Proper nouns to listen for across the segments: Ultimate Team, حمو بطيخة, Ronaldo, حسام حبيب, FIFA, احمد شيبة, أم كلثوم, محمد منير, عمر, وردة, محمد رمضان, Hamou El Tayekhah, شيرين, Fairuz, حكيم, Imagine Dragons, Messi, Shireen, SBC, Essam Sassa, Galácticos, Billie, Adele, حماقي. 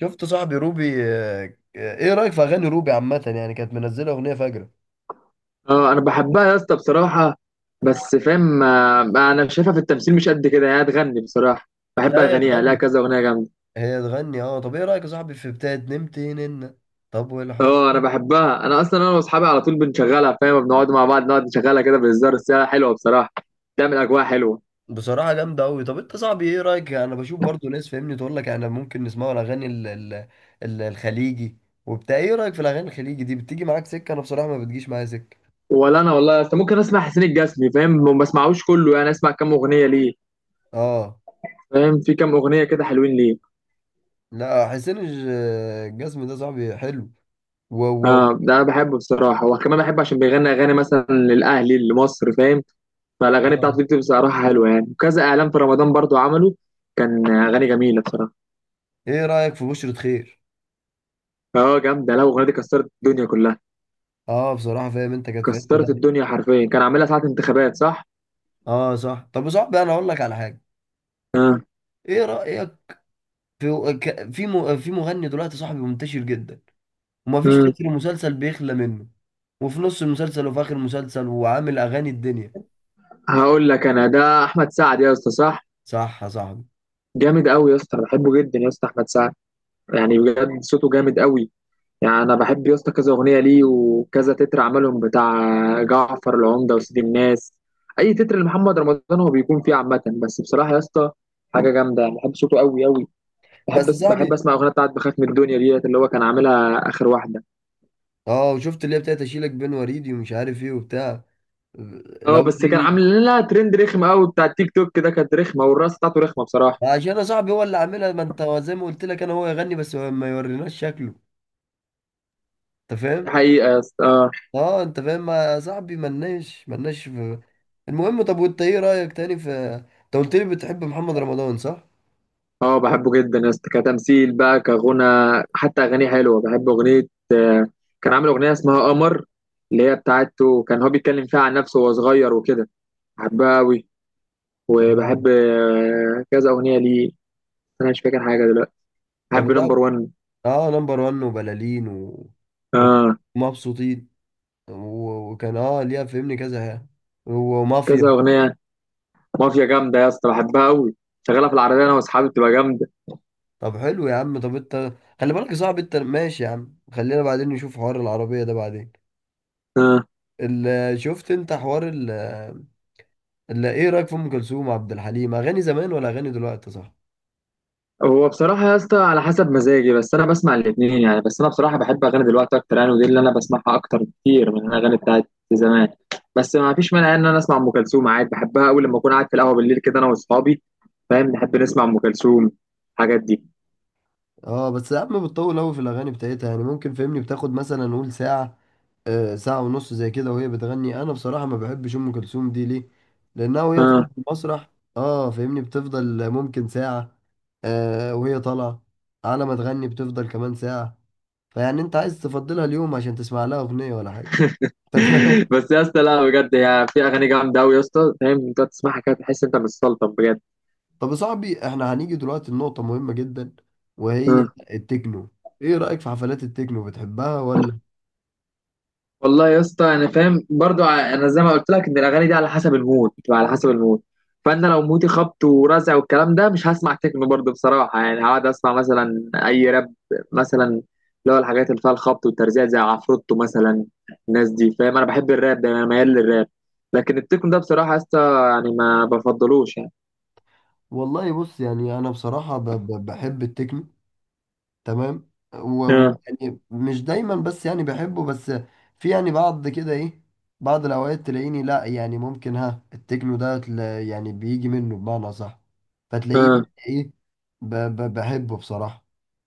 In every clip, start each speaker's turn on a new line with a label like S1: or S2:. S1: شفت صاحبي روبي، ايه رأيك في اغاني روبي عامة؟ يعني كانت منزلة اغنية فجرة.
S2: اه، انا بحبها يا اسطى بصراحه. بس فاهم، انا شايفها في التمثيل مش قد كده، هي تغني بصراحه. بحب
S1: لا، هي
S2: اغانيها، لها
S1: تغني،
S2: كذا اغنيه جامده.
S1: هي تغني اه طب ايه رأيك يا صاحبي في بتاعت نمت ننا؟ طب والحب؟
S2: اه، انا بحبها. انا اصلا واصحابي على طول بنشغلها، فاهم، بنقعد مع بعض نقعد نشغلها كده بهزار، بس هي حلوه بصراحه. بتعمل اجواء حلوه.
S1: بصراحة جامدة أوي. طب أنت صاحبي، إيه رأيك؟ أنا بشوف برضو ناس فاهمني تقول لك أنا ممكن نسمعه الأغاني الخليجي وبتاع. إيه رأيك في الأغاني الخليجي دي؟ بتيجي معاك سكة؟ أنا بصراحة ما بتجيش معايا سكة.
S2: ولا انا والله يا اسطى، ممكن اسمع حسين الجسمي، فاهم، ما بسمعوش كله يعني، اسمع كام اغنيه ليه.
S1: آه.
S2: فاهم، في كام اغنيه كده حلوين ليه.
S1: لا، حسين الجسمي ده صاحبي حلو. و
S2: اه، ده انا بحبه بصراحه، وكمان بحبه عشان بيغني اغاني مثلا للاهلي، لمصر، فاهم. فالاغاني بتاعته
S1: آه
S2: دي بتبقى بصراحه حلوه يعني، وكذا اعلان في رمضان برضو عمله. كان اغاني جميله بصراحه.
S1: إيه رأيك في بشرة خير؟
S2: اه، جامده، لا الاغنيه دي كسرت الدنيا كلها.
S1: اه بصراحة فاهم انت، كانت في حتة
S2: كسرت
S1: تانية.
S2: الدنيا حرفيا، كان عاملها ساعه انتخابات صح.
S1: اه صح. طب يا صاحبي انا اقول لك على حاجة، ايه رأيك في مغني دلوقتي صاحبي منتشر جدا، ومفيش
S2: امم.
S1: تتر مسلسل بيخلى منه، وفي نص المسلسل وفي اخر المسلسل، وعامل اغاني الدنيا.
S2: هقول لك انا، ده احمد سعد يا اسطى صح.
S1: صح يا صاحبي.
S2: جامد قوي يا اسطى، أنا بحبه جدا يا اسطى، احمد سعد. يعني بجد صوته جامد قوي. يعني انا بحب يا اسطى كذا اغنيه ليه، وكذا تتر عملهم، بتاع جعفر العمده وسيد الناس. اي تتر لمحمد رمضان هو بيكون فيه عامه، بس بصراحه يا اسطى حاجه جامده يعني، بحب صوته قوي قوي.
S1: بس يا
S2: بحب
S1: صاحبي،
S2: اسمع اغنيه بتاعت بخاف من الدنيا ديت، اللي هو كان عاملها اخر واحده.
S1: اه، شفت اللي هي بتاعت اشيلك بين وريدي ومش عارف ايه وبتاع؟
S2: اه،
S1: لو
S2: بس كان
S1: دي.
S2: عامل لها ترند رخم قوي بتاع التيك توك ده، كانت رخمه، والرقص بتاعته رخمه بصراحه.
S1: عشان يا صاحبي هو اللي عاملها، ما انت زي ما قلت لك، انا هو يغني بس ما يوريناش شكله، انت
S2: دي
S1: فاهم.
S2: حقيقه يا اسطى، اه.
S1: اه انت فاهم، ما صاحبي ملناش في. المهم، طب وانت ايه رأيك تاني في، انت قلت لي بتحب محمد رمضان صح؟
S2: اه، بحبه جدا يا اسطى كتمثيل بقى كغنى. حتى اغانيه حلوه، بحب اغنيه. كان عامل اغنيه اسمها قمر، اللي هي بتاعته، كان هو بيتكلم فيها عن نفسه وهو صغير وكده. بحبها قوي. وبحب
S1: اه.
S2: كذا اغنيه ليه. انا مش فاكر حاجه دلوقتي.
S1: طب
S2: بحب نمبر
S1: وتعب-
S2: 1.
S1: اه نمبر 1 وبلالين و...
S2: اه،
S1: ومبسوطين و... وكان اه ليها فهمني كذا حاجة،
S2: كذا
S1: ومافيا.
S2: اغنيه. مافيا جامدة يا اسطى، بحبها قوي. شغالة في العربية انا واصحابي، بتبقى جامدة.
S1: طب حلو يا عم. طب انت خلي بالك يا صاحبي، انت ماشي يا عم، خلينا بعدين نشوف حوار العربية ده بعدين.
S2: اه.
S1: شفت انت حوار ايه رأيك في ام كلثوم وعبد الحليم؟ اغاني زمان ولا اغاني دلوقتي صح؟
S2: هو بصراحة يا اسطى على حسب مزاجي، بس انا بسمع الاتنين يعني. بس انا بصراحة بحب اغاني دلوقتي اكتر يعني، ودي اللي انا بسمعها اكتر بكتير من الاغاني بتاعت زمان. بس ما فيش مانع ان انا اسمع ام كلثوم عادي، بحبها قوي لما اكون قاعد في القهوة بالليل كده انا واصحابي، فاهم، نحب نسمع ام كلثوم، الحاجات دي.
S1: اه، بس ساعات ما بتطول قوي في الاغاني بتاعتها، يعني ممكن فهمني بتاخد مثلا نقول ساعه، آه ساعه ونص زي كده وهي بتغني. انا بصراحه ما بحبش ام كلثوم دي ليه؟ لانها وهي
S2: اه.
S1: طالعه في المسرح، اه فهمني، بتفضل ممكن ساعه، آه، وهي طالعه على ما تغني بتفضل كمان ساعه. فيعني انت عايز تفضلها اليوم عشان تسمع لها اغنيه ولا حاجه؟ انت فاهم.
S2: بس يا اسطى لا، بجد هي في اغاني جامدة قوي يا اسطى، فاهم، انت تسمعها كده تحس انت متسلطن بجد.
S1: طب يا صاحبي، احنا هنيجي دلوقتي لنقطه مهمه جدا، وهي
S2: آه.
S1: التكنو. ايه رايك في حفلات التكنو، بتحبها ولا؟
S2: والله يا اسطى انا فاهم برضو انا زي ما قلت لك ان الاغاني دي على حسب المود، بتبقى على حسب المود. فانا لو مودي خبط ورزع والكلام ده، مش هسمع تكنو برضو بصراحه يعني، هقعد اسمع مثلا اي راب، مثلا اللي هو الحاجات اللي فيها الخبط والترزيع زي عفروتو مثلا، الناس دي، فاهم. انا بحب الراب ده، انا ميال للراب. لكن التكنو ده بصراحه يا اسطى يعني ما بفضلوش يعني.
S1: والله بص، يعني انا بصراحه بحب التكنو، تمام.
S2: اه.
S1: يعني مش دايما، بس يعني بحبه. بس في يعني بعض كده، ايه، بعض الاوقات تلاقيني لا، يعني ممكن ها، التكنو ده يعني بيجي منه بمعنى صح، فتلاقيني
S2: اه،
S1: ايه، بحبه بصراحه.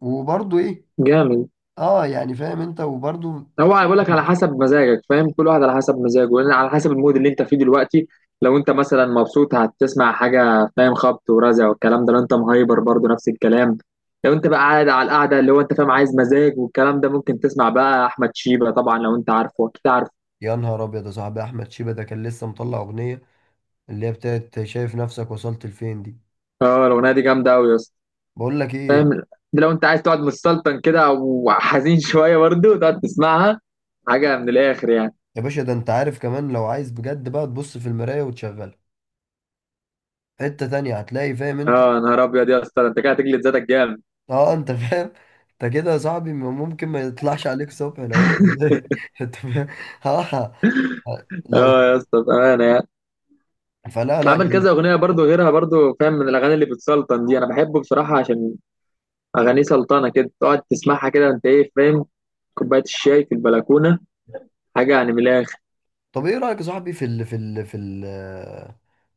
S1: وبرضه ايه،
S2: جامد.
S1: اه يعني فاهم انت، وبرضه.
S2: هو هيقول لك على حسب مزاجك، فاهم، كل واحد على حسب مزاجه، لان على حسب المود اللي انت فيه دلوقتي. لو انت مثلا مبسوط، هتسمع حاجه فاهم خبط ورزع والكلام ده. لو انت مهايبر برضه نفس الكلام. لو انت بقى قاعد على القعده، اللي هو انت فاهم عايز مزاج والكلام ده، ممكن تسمع بقى احمد شيبه. طبعا لو انت عارفه، اكيد عارفه.
S1: يا نهار ابيض يا صاحبي! احمد شيبه ده كان لسه مطلع اغنيه، اللي هي بتاعت شايف نفسك وصلت لفين دي.
S2: اه، الاغنيه دي جامده قوي يا اسطى،
S1: بقول لك
S2: فاهم.
S1: ايه،
S2: ده لو انت عايز تقعد متسلطن كده، او حزين شويه برضه، تقعد تسمعها. حاجه من الاخر يعني.
S1: يا باشا ده انت عارف كمان لو عايز بجد بقى تبص في المراية وتشغلها، حتة تانية هتلاقي، فاهم انت.
S2: اه، نهار ابيض يا اسطى، ده انت كده هتجلد ذاتك جامد.
S1: اه انت فاهم، انت كده يا صاحبي ممكن ما يطلعش عليك صبح لو انت انت فاهم. اه لو
S2: اه يا اسطى بامانه يعني.
S1: فلا لا
S2: عمل
S1: يعني.
S2: كذا اغنيه برضو غيرها برضو، فاهم، من الاغاني اللي بتسلطن دي، انا بحبه بصراحه عشان اغانيه سلطنه كده، تقعد تسمعها كده انت، ايه، فاهم. كوبايه الشاي في البلكونه، حاجه يعني من الاخر.
S1: طب ايه رأيك يا صاحبي في ال في ال في ال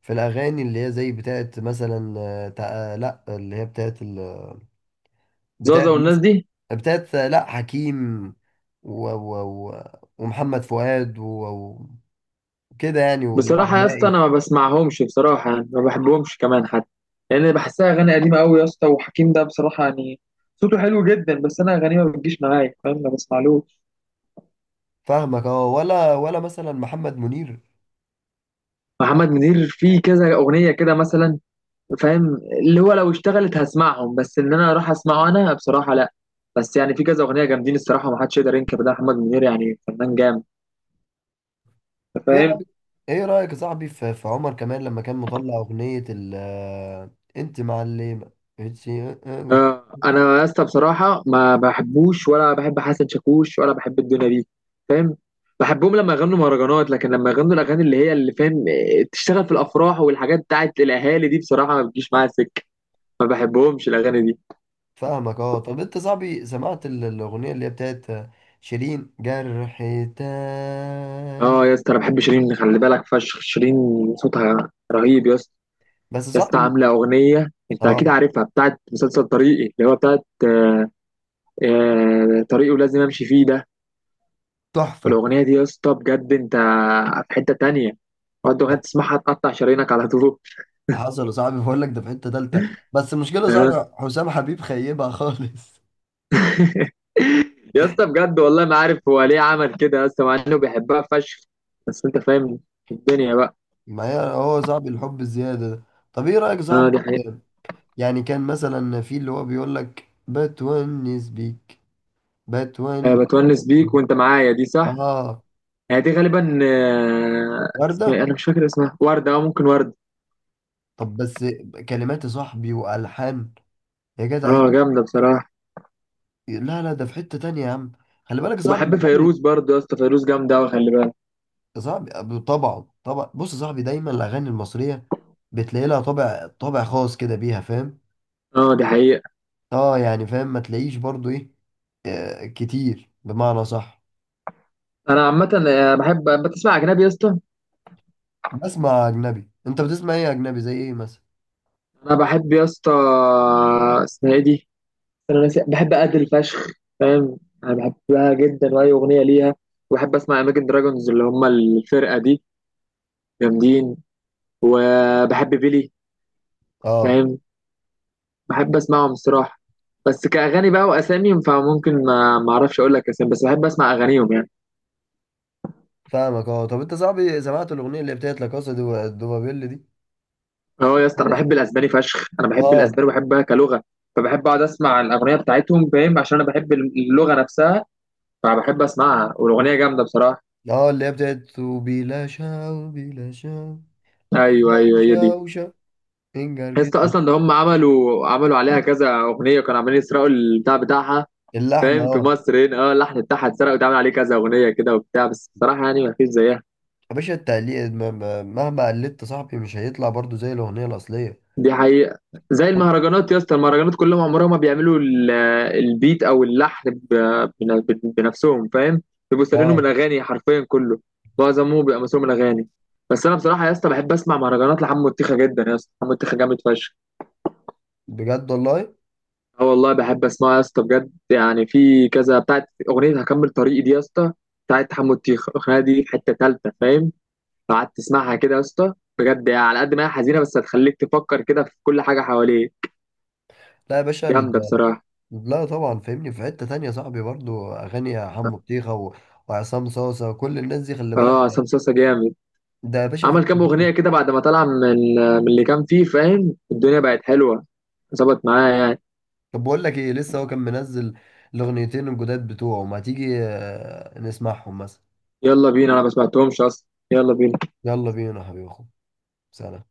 S1: في الاغاني اللي هي زي بتاعت مثلا، لا، اللي هي بتاعت ال
S2: زوزه
S1: بتاعت
S2: والناس
S1: مثلا
S2: دي،
S1: بتاعت آه، لا، حكيم و و و ومحمد فؤاد وكده يعني، واللي هو
S2: بصراحه يا اسطى
S1: حماقي.
S2: انا ما بسمعهمش بصراحه يعني، ما بحبهمش كمان حتى، لان يعني بحسها اغاني قديمه قوي يا اسطى. وحكيم ده بصراحه يعني صوته حلو جدا، بس انا اغانيه ما بتجيش معايا، فاهم، ما بسمعلوش.
S1: فاهمك اه. ولا مثلا محمد منير.
S2: محمد منير فيه كذا اغنيه كده مثلا، فاهم، اللي هو لو اشتغلت هسمعهم، بس ان انا اروح اسمعه انا بصراحه لا. بس يعني في كذا اغنيه جامدين الصراحه، ما حدش يقدر ينكر ده محمد منير، يعني فنان جامد. أنت
S1: ايه
S2: فاهم.
S1: رايك، ايه رايك يا صاحبي في, في عمر كمان لما كان مطلع اغنيه ال انت معلمه، إنتي- آه،
S2: آه،
S1: آه.
S2: انا يا اسطى بصراحه ما بحبوش، ولا بحب حسن شاكوش، ولا بحب الدنيا دي، فاهم. بحبهم لما يغنوا مهرجانات، لكن لما يغنوا الاغاني اللي فاهم، تشتغل في الافراح والحاجات بتاعت الاهالي دي، بصراحه ما بتجيش معايا سكه، ما بحبهمش الاغاني دي.
S1: فاهمك اه. طب انت صاحبي سمعت الاغنيه اللي هي بتاعت شيرين جرح
S2: اه
S1: تاني؟
S2: يا اسطى، انا بحب شيرين، خلي بالك، فشخ شيرين، صوتها رهيب يا اسطى.
S1: بس
S2: يا اسطى
S1: صاحبي،
S2: عامله اغنيه، انت
S1: اه،
S2: اكيد عارفها، بتاعت مسلسل طريقي، اللي هو بتاعت طريقي ولازم امشي فيه ده.
S1: تحفه.
S2: الاغنيه دي يا اسطى، بجد، انت في حته تانية. اقعد اغنيه تسمعها تقطع شرايينك على طول.
S1: حصل يا صاحبي، بقول لك ده في حته تالته، بس المشكله يا
S2: آه.
S1: صاحبي حسام حبيب خيبها خالص.
S2: يا اسطى بجد والله ما عارف هو ليه عمل كده يا اسطى، مع انه بيحبها فشخ. بس انت فاهم، الدنيا بقى.
S1: ما هي هو صاحبي، الحب الزياده ده. طب ايه رايك يا
S2: اه،
S1: صاحبي
S2: دي حقيقة.
S1: يعني، كان مثلا في اللي هو بيقول لك بتونس بيك،
S2: آه،
S1: بتونس
S2: بتونس
S1: بيك.
S2: بيك وانت معايا، دي صح.
S1: اه
S2: هي دي غالبا، اسمها ايه؟
S1: وردة.
S2: انا مش فاكر اسمها، وردة، ممكن وردة.
S1: طب بس، كلمات يا صاحبي والحان، يا جدع إيه؟
S2: اه جامدة بصراحة.
S1: لا لا ده في حتة تانية يا عم، خلي بالك يا صاحبي
S2: وبحب
S1: الاغاني.
S2: فيروز برضه يا اسطى، فيروز جامده قوي، خلي بالك.
S1: يا صاحبي طبعا طبعا، بص يا صاحبي، دايما الاغاني المصرية بتلاقي لها طابع، طابع خاص كده بيها، فاهم.
S2: اه دي حقيقه.
S1: اه يعني فاهم، ما تلاقيش برضو ايه، كتير بمعنى صح.
S2: انا عامه بحب بتسمع اجنبي يا اسطى.
S1: بسمع اجنبي، انت بتسمع ايه اجنبي زي ايه مثلا؟
S2: انا بحب يا اسطى، اسمها ايه دي، انا ناسي، بحب ادل فشخ، فاهم. انا بحبها جدا واي اغنيه ليها. وبحب اسمع اماجن دراجونز، اللي هم الفرقه دي، جامدين. وبحب بيلي،
S1: اه.
S2: فاهم، بحب اسمعهم الصراحه. بس كاغاني بقى واسامي، فممكن ما اعرفش اقول لك اسامي، بس بحب اسمع اغانيهم يعني.
S1: فاهمك اه. طب انت صاحبي سمعت الاغنيه اللي بتاعت لا كاسا دو دوبابيل دي؟
S2: اه يا اسطى، انا بحب
S1: بتاعت-
S2: الاسباني فشخ، انا بحب
S1: اه،
S2: الاسباني وبحبها كلغه. فبحب اقعد اسمع الاغنيه بتاعتهم، فاهم، عشان انا بحب اللغه نفسها. فبحب اسمعها، والاغنيه جامده بصراحه.
S1: اه اللي هي بتاعت بلا شاو، بلا شاو،
S2: ايوه
S1: شاو،
S2: ايوه، هي دي.
S1: شاو، شاو، انجر
S2: يا اسطى
S1: جدا.
S2: اصلا ده هم عملوا عليها كذا اغنيه، وكانوا عاملين يسرقوا البتاع بتاعها،
S1: اللحن،
S2: فاهم، في
S1: اه.
S2: مصر هنا. اه اللحن بتاعها اتسرق، واتعمل عليه كذا اغنيه كده وبتاع، بس بصراحه يعني ما فيش زيها.
S1: يا باشا التقليد مهما قلدت صاحبي مش هيطلع برضو زي الاغنيه الاصليه.
S2: دي حقيقة. زي المهرجانات يا اسطى، المهرجانات كلهم عمرهم ما بيعملوا البيت او اللحن بنفسهم، فاهم، بيبقوا سارقينه من
S1: اه
S2: اغاني حرفيا كله، معظمه بيبقى مسروق من اغاني. بس انا بصراحة يا اسطى بحب اسمع مهرجانات لحمو الطيخة جدا يا اسطى، حمو الطيخة جامد فشخ.
S1: بجد والله.
S2: اه والله، بحب اسمعه يا اسطى بجد، يعني في كذا بتاعت اغنية هكمل طريقي دي يا اسطى، بتاعت حمو الطيخة، الاغنية دي في حتة تالتة، فاهم، لو قعدت تسمعها كده يا اسطى بجد، يعني على قد ما هي حزينة بس هتخليك تفكر كده في كل حاجة حواليك.
S1: لا يا باشا
S2: جامدة بصراحة.
S1: لا طبعا فاهمني في حته تانية صاحبي. برضو اغاني حمو بطيخه و... وعصام صاصه وكل الناس دي خلي بالك،
S2: اه، عصام صاصا جامد.
S1: ده يا باشا في
S2: عمل
S1: حته
S2: كام اغنيه
S1: تانية.
S2: كده بعد ما طلع من اللي كان فيه، فاهم، الدنيا بقت حلوه، ظبط معايا يعني.
S1: طب بقول لك ايه، لسه هو كان منزل الاغنيتين الجداد بتوعه، ما تيجي نسمعهم مثلا.
S2: يلا بينا، انا ما سمعتهمش اصلا، يلا بينا.
S1: يلا بينا يا حبيبي، اخو، سلام.